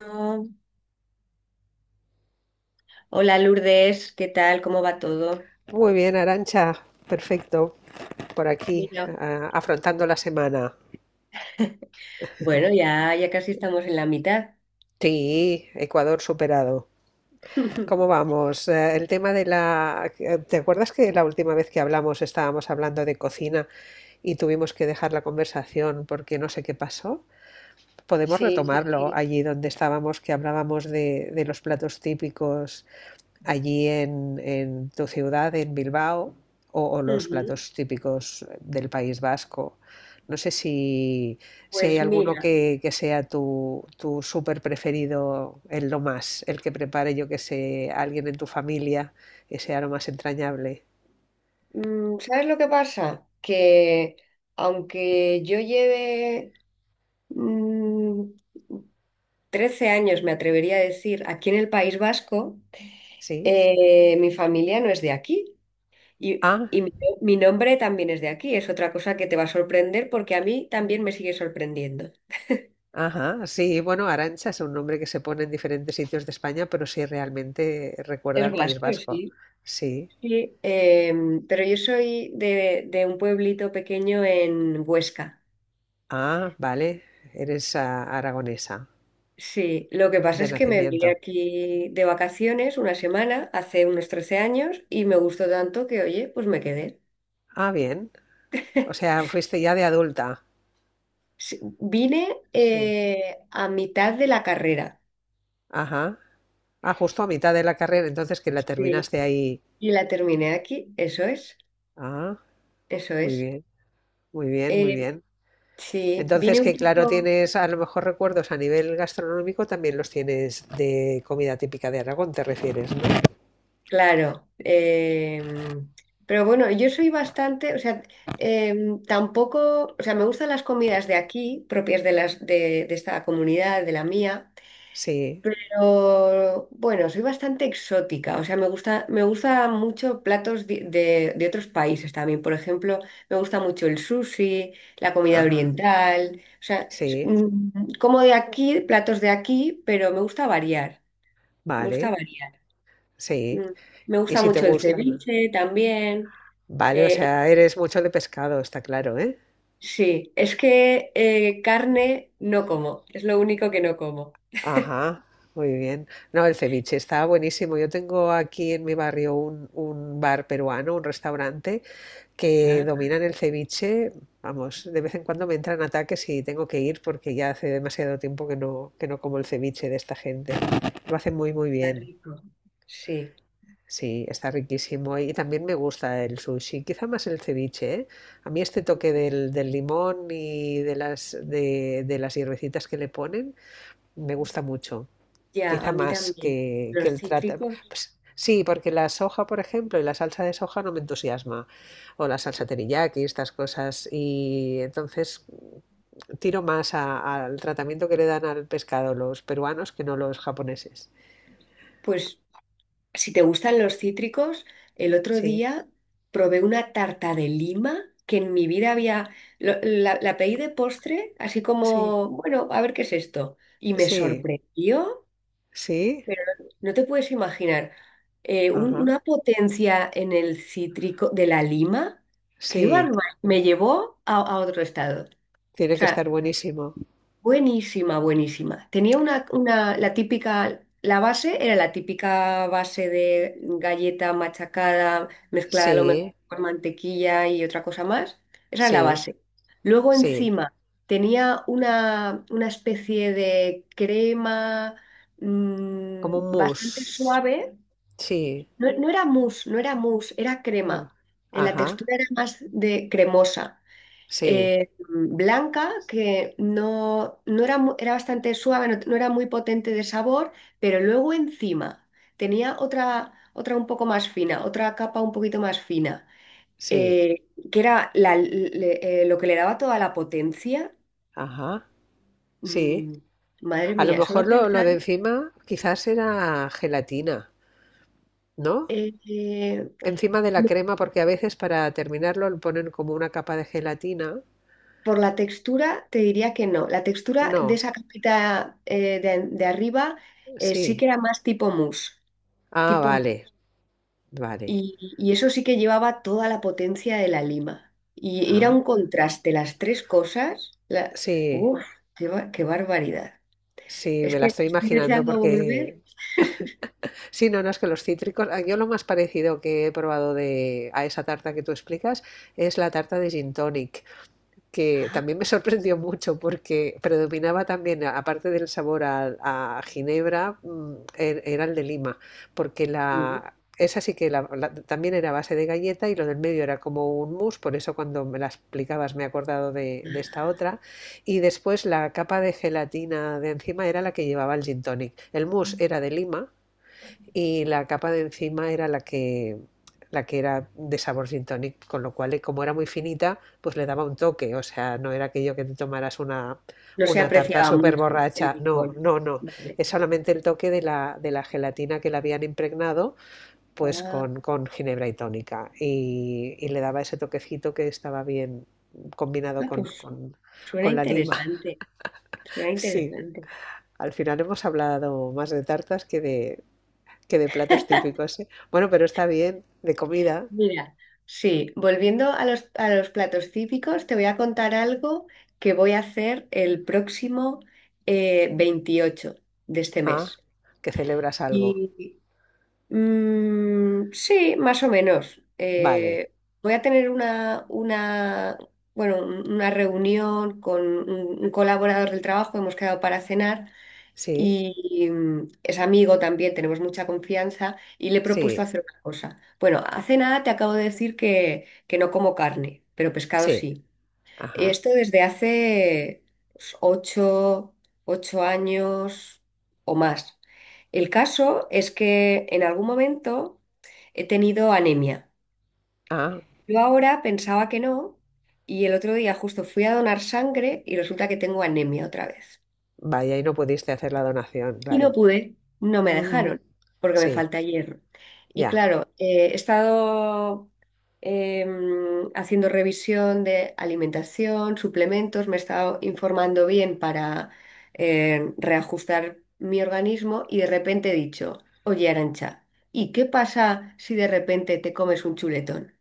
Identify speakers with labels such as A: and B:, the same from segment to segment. A: Oh, Hola Lourdes, ¿qué tal? ¿Cómo va todo?
B: Muy bien, Arancha. Perfecto. Por aquí,
A: Mira,
B: afrontando la semana.
A: bueno, ya casi estamos en la mitad.
B: Sí, Ecuador superado. ¿Cómo vamos? El tema de la... ¿Te acuerdas que la última vez que hablamos estábamos hablando de cocina y tuvimos que dejar la conversación porque no sé qué pasó? Podemos
A: Sí, sí,
B: retomarlo
A: sí.
B: allí donde estábamos, que hablábamos de los platos típicos allí en tu ciudad, en Bilbao, o los
A: Ujú.
B: platos típicos del País Vasco. No sé si hay
A: Pues
B: alguno
A: mira,
B: que sea tu súper preferido, el que prepare, yo que sé, alguien en tu familia, que sea lo más entrañable.
A: ¿sabes lo que pasa? Que aunque yo lleve mm, 13 años, me atrevería a decir, aquí en el País Vasco.
B: ¿Sí?
A: Mi familia no es de aquí. Y,
B: Ah,
A: y mi, Mi nombre también es de aquí. Es otra cosa que te va a sorprender porque a mí también me sigue sorprendiendo.
B: ajá, sí. Bueno, Arancha es un nombre que se pone en diferentes sitios de España, pero sí realmente recuerda
A: Es
B: al País
A: vasco,
B: Vasco.
A: sí.
B: Sí.
A: Sí, pero yo soy de un pueblito pequeño en Huesca.
B: Ah, vale. Eres aragonesa.
A: Sí, lo que pasa
B: De
A: es que me vine
B: nacimiento.
A: aquí de vacaciones una semana hace unos 13 años y me gustó tanto que, oye, pues me quedé.
B: Ah, bien. O sea, fuiste ya de adulta.
A: Sí, vine
B: Sí.
A: a mitad de la carrera.
B: Ajá. Ah, justo a mitad de la carrera, entonces que la
A: Sí.
B: terminaste ahí.
A: Y la terminé aquí, eso es,
B: Ah,
A: eso
B: muy
A: es.
B: bien, muy bien, muy
A: Eh,
B: bien.
A: sí, vine
B: Entonces
A: un
B: que claro,
A: poco.
B: tienes a lo mejor recuerdos a nivel gastronómico, también los tienes de comida típica de Aragón, te refieres, ¿no?
A: Claro, pero bueno, yo soy bastante, o sea, tampoco, o sea, me gustan las comidas de aquí, propias de las de esta comunidad, de la mía,
B: Sí,
A: pero bueno, soy bastante exótica, o sea, me gusta mucho platos de otros países también. Por ejemplo, me gusta mucho el sushi, la comida
B: ajá,
A: oriental, o sea,
B: sí,
A: como de aquí, platos de aquí, pero me gusta variar, me gusta
B: vale,
A: variar.
B: sí.
A: Mm. Me
B: Y
A: gusta
B: si te
A: mucho el
B: gustan,
A: ceviche también.
B: Vale, o
A: Eh,
B: sea, eres mucho de pescado, está claro, ¿eh?
A: sí, es que carne no como, es lo único que no como.
B: Ajá, muy bien. No, el ceviche está buenísimo. Yo tengo aquí en mi barrio un bar peruano, un restaurante que
A: Ah,
B: dominan el ceviche. Vamos, de vez en cuando me entran ataques y tengo que ir porque ya hace demasiado tiempo que no como el ceviche de esta gente. Lo hacen muy, muy
A: está
B: bien.
A: rico. Sí,
B: Sí, está riquísimo. Y también me gusta el sushi, quizá más el ceviche, ¿eh? A mí este toque del limón y de las hierbecitas que le ponen me gusta mucho
A: ya, a
B: quizá
A: mí
B: más
A: también.
B: que
A: Los
B: el trata.
A: cítricos,
B: Pues, sí, porque la soja, por ejemplo, y la salsa de soja no me entusiasma, o la salsa teriyaki, estas cosas, y entonces tiro más al tratamiento que le dan al pescado los peruanos que no los japoneses.
A: pues si te gustan los cítricos, el otro
B: Sí,
A: día probé una tarta de lima que en mi vida había, la pedí de postre, así
B: sí,
A: como, bueno, a ver qué es esto. Y me
B: sí,
A: sorprendió.
B: sí,
A: Pero no te puedes imaginar
B: ajá,
A: una potencia en el cítrico de la lima. ¡Qué
B: sí,
A: barbaridad! Me llevó a otro estado. O
B: tiene que estar
A: sea,
B: buenísimo.
A: buenísima, buenísima. La típica, la base era la típica base de galleta machacada, mezclada a lo mejor
B: Sí,
A: con mantequilla y otra cosa más. Esa era la
B: sí,
A: base. Luego
B: sí,
A: encima tenía una especie de crema,
B: como un
A: bastante
B: mousse,
A: suave.
B: sí,
A: No, no era mousse, no era mousse, era crema.
B: no,
A: La
B: ajá,
A: textura era más de cremosa,
B: sí,
A: blanca, que no, no era, era bastante suave, no, no era muy potente de sabor, pero luego encima tenía otra, otra un poco más fina, otra capa un poquito más fina,
B: sí,
A: que era lo que le daba toda la potencia.
B: ajá, sí.
A: Mm, madre
B: A lo
A: mía, solo
B: mejor lo
A: pensar...
B: de encima quizás era gelatina, ¿no?
A: eh, eh,
B: Encima de la crema, porque a veces para terminarlo le ponen como una capa de gelatina.
A: por la textura te diría que no. La textura de
B: No,
A: esa capita de arriba, sí que
B: sí.
A: era más tipo mousse.
B: Ah,
A: Tipo.
B: vale, vale.
A: Y eso sí que llevaba toda la potencia de la lima. Y era
B: Ah,
A: un contraste, las tres cosas. La...
B: sí,
A: Uf, qué barbaridad.
B: sí,
A: Es
B: me la
A: que
B: estoy
A: estoy
B: imaginando.
A: deseando volver.
B: Porque... Sí, no, no, es que los cítricos... Yo lo más parecido que he probado a esa tarta que tú explicas es la tarta de gin tonic, que
A: Ah,
B: también me sorprendió mucho porque predominaba también, aparte del sabor a ginebra, era el de Lima, porque
A: no.
B: esa sí que también era a base de galleta y lo del medio era como un mousse, por eso cuando me la explicabas me he acordado de esta otra.
A: Ah.
B: Y después la capa de gelatina de encima era la que llevaba el gin tonic. El mousse era de Lima y la capa de encima era la que era de sabor gin tonic, con lo cual, como era muy finita, pues le daba un toque, o sea, no era aquello que te tomaras una,
A: No se
B: una tarta
A: apreciaba
B: súper
A: mucho el
B: borracha, no,
A: licor.
B: no, no,
A: Vale.
B: es solamente el toque de la gelatina que la habían impregnado, pues
A: Ah,
B: con ginebra y tónica, y le daba ese toquecito que estaba bien combinado
A: ah,
B: con,
A: pues
B: con,
A: suena
B: con la lima,
A: interesante. Suena
B: sí.
A: interesante.
B: Al final hemos hablado más de tartas que de platos típicos, ¿eh? Bueno, pero está bien, de comida.
A: Mira, sí, volviendo a los platos típicos, te voy a contar algo que voy a hacer el próximo 28 de este
B: Ah,
A: mes.
B: que celebras algo.
A: Y sí, más o menos.
B: Vale,
A: Voy a tener bueno, una reunión con un colaborador del trabajo, hemos quedado para cenar
B: sí,
A: y es amigo también, tenemos mucha confianza y le he propuesto
B: sí,
A: hacer una cosa. Bueno, hace nada te acabo de decir que no como carne, pero pescado
B: sí.
A: sí. Y
B: Ajá.
A: esto desde hace pues, 8, 8 años o más. El caso es que en algún momento he tenido anemia.
B: Ah,
A: Yo ahora pensaba que no y el otro día justo fui a donar sangre y resulta que tengo anemia otra vez.
B: vaya, y no pudiste hacer la donación,
A: Y no
B: claro.
A: pude, no me
B: Ujú,
A: dejaron, porque me
B: sí,
A: falta hierro. Y
B: ya.
A: claro, he estado haciendo revisión de alimentación, suplementos, me he estado informando bien para reajustar mi organismo y de repente he dicho, oye, Arancha, ¿y qué pasa si de repente te comes un chuletón?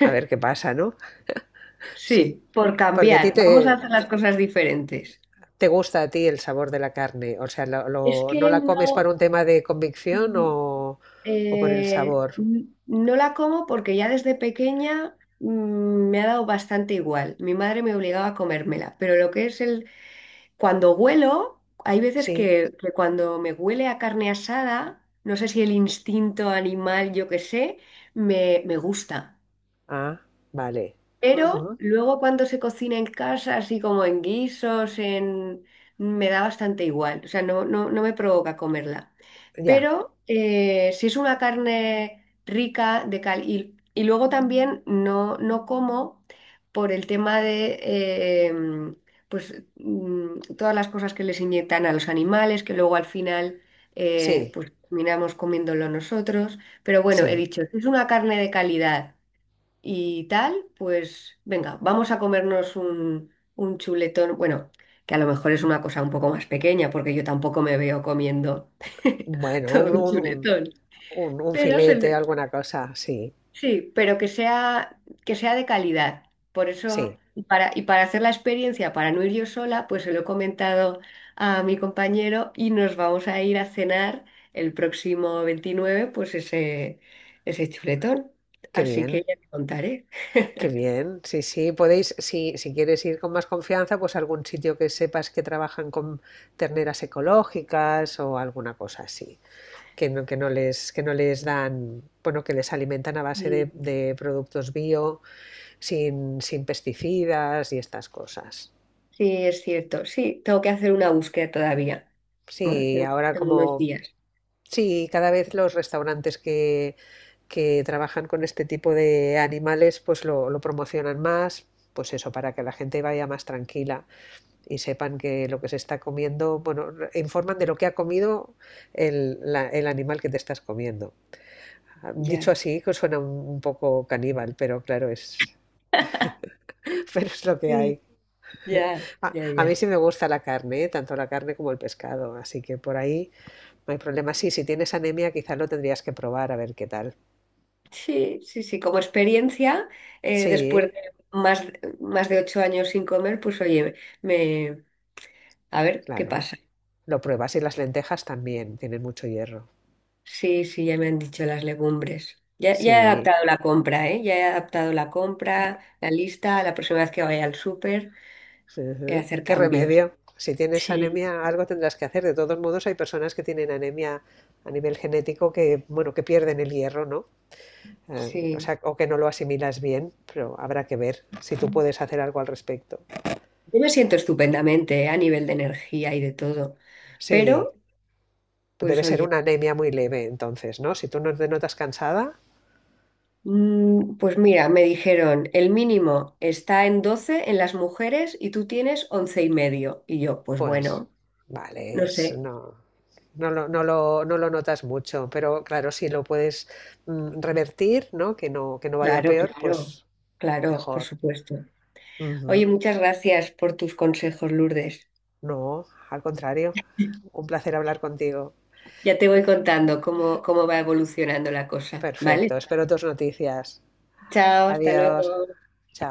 B: A ver qué pasa, ¿no?
A: Sí,
B: Sí.
A: por
B: Porque a ti
A: cambiar, vamos a
B: te,
A: hacer las cosas diferentes.
B: te gusta a ti el sabor de la carne. O sea,
A: Es
B: ¿no
A: que
B: la comes por
A: no.
B: un tema de convicción o por el sabor?
A: No la como porque ya desde pequeña, me ha dado bastante igual. Mi madre me obligaba a comérmela, pero lo que es el... Cuando huelo, hay veces
B: Sí.
A: que cuando me huele a carne asada, no sé si el instinto animal, yo qué sé, me gusta.
B: Ah, vale.
A: Pero
B: Ujú.
A: luego cuando se cocina en casa, así como en guisos, en... me da bastante igual, o sea, no, no, no me provoca comerla.
B: Ya,
A: Pero si es una carne rica de cal y luego también no, no como por el tema de em, pues, todas las cosas que les inyectan a los animales, que luego al final
B: sí,
A: pues terminamos comiéndolo nosotros. Pero bueno, he
B: sí.
A: dicho, si es una carne de calidad y tal, pues venga, vamos a comernos un chuletón, bueno, que a lo mejor es una cosa un poco más pequeña, porque yo tampoco me veo comiendo
B: Bueno,
A: todo
B: un,
A: un
B: un, un-
A: chuletón,
B: un- un
A: pero
B: filete, alguna cosa, sí,
A: sí, pero que sea de calidad. Por eso,
B: sí,
A: y para hacer la experiencia, para no ir yo sola, pues se lo he comentado a mi compañero y nos vamos a ir a cenar el próximo 29, pues ese chuletón.
B: qué
A: Así que
B: bien,
A: ya te contaré.
B: qué bien, sí, sí, podéis, si quieres ir con más confianza, pues algún sitio que sepas que trabajan con terneras ecológicas o alguna cosa así, que no les dan, bueno, que les alimentan a base de,
A: Sí.
B: de productos bio, sin pesticidas y estas cosas.
A: Sí, es cierto. Sí, tengo que hacer una búsqueda todavía. Bueno,
B: Sí,
A: tengo, tengo unos días.
B: Cada vez los restaurantes que trabajan con este tipo de animales, pues lo promocionan más, pues eso, para que la gente vaya más tranquila y sepan que lo que se está comiendo, bueno, informan de lo que ha comido el animal que te estás comiendo. Ah,
A: Ya.
B: dicho así, que suena un poco caníbal, pero claro, es, pero es lo que
A: Sí.
B: hay.
A: Ya,
B: A,
A: ya,
B: a mí
A: ya.
B: sí me gusta la carne, ¿eh? Tanto la carne como el pescado, así que por ahí no hay problema. Sí, si tienes anemia, quizás lo tendrías que probar a ver qué tal.
A: Sí, sí, sí. Como experiencia, después
B: Sí,
A: de más, más de 8 años sin comer, pues oye, me, a ver qué
B: claro.
A: pasa.
B: Lo pruebas y las lentejas también tienen mucho hierro.
A: Sí, sí, ya me han dicho las legumbres. Ya, ya he
B: Sí.
A: adaptado la compra, ¿eh? Ya he adaptado la compra, la lista, la próxima vez que vaya al súper,
B: Ujú.
A: hacer
B: ¿Qué
A: cambios.
B: remedio? Si tienes
A: Sí,
B: anemia, algo tendrás que hacer. De todos modos, hay personas que tienen anemia a nivel genético que, bueno, que pierden el hierro, ¿no? O
A: sí.
B: sea, o que no lo asimilas bien, pero habrá que ver si tú puedes hacer algo al respecto.
A: Yo me siento estupendamente, a nivel de energía y de todo,
B: Sí,
A: pero pues
B: debe ser
A: oye,
B: una anemia muy leve, entonces, ¿no? Si tú no te notas cansada.
A: pues mira, me dijeron, el mínimo está en 12 en las mujeres y tú tienes 11 y medio. Y yo, pues
B: Pues
A: bueno,
B: vale,
A: no sé,
B: no lo notas mucho, pero claro, si lo puedes revertir, ¿no? Que no vaya
A: claro,
B: peor,
A: claro,
B: pues
A: claro, por
B: mejor.
A: supuesto. Oye,
B: Ujú.
A: muchas gracias por tus consejos, Lourdes.
B: No, al contrario. Un placer hablar contigo.
A: Ya te voy contando cómo, cómo va evolucionando la cosa,
B: Perfecto,
A: ¿vale?
B: espero tus noticias.
A: Chao, hasta
B: Adiós.
A: luego.
B: Chao.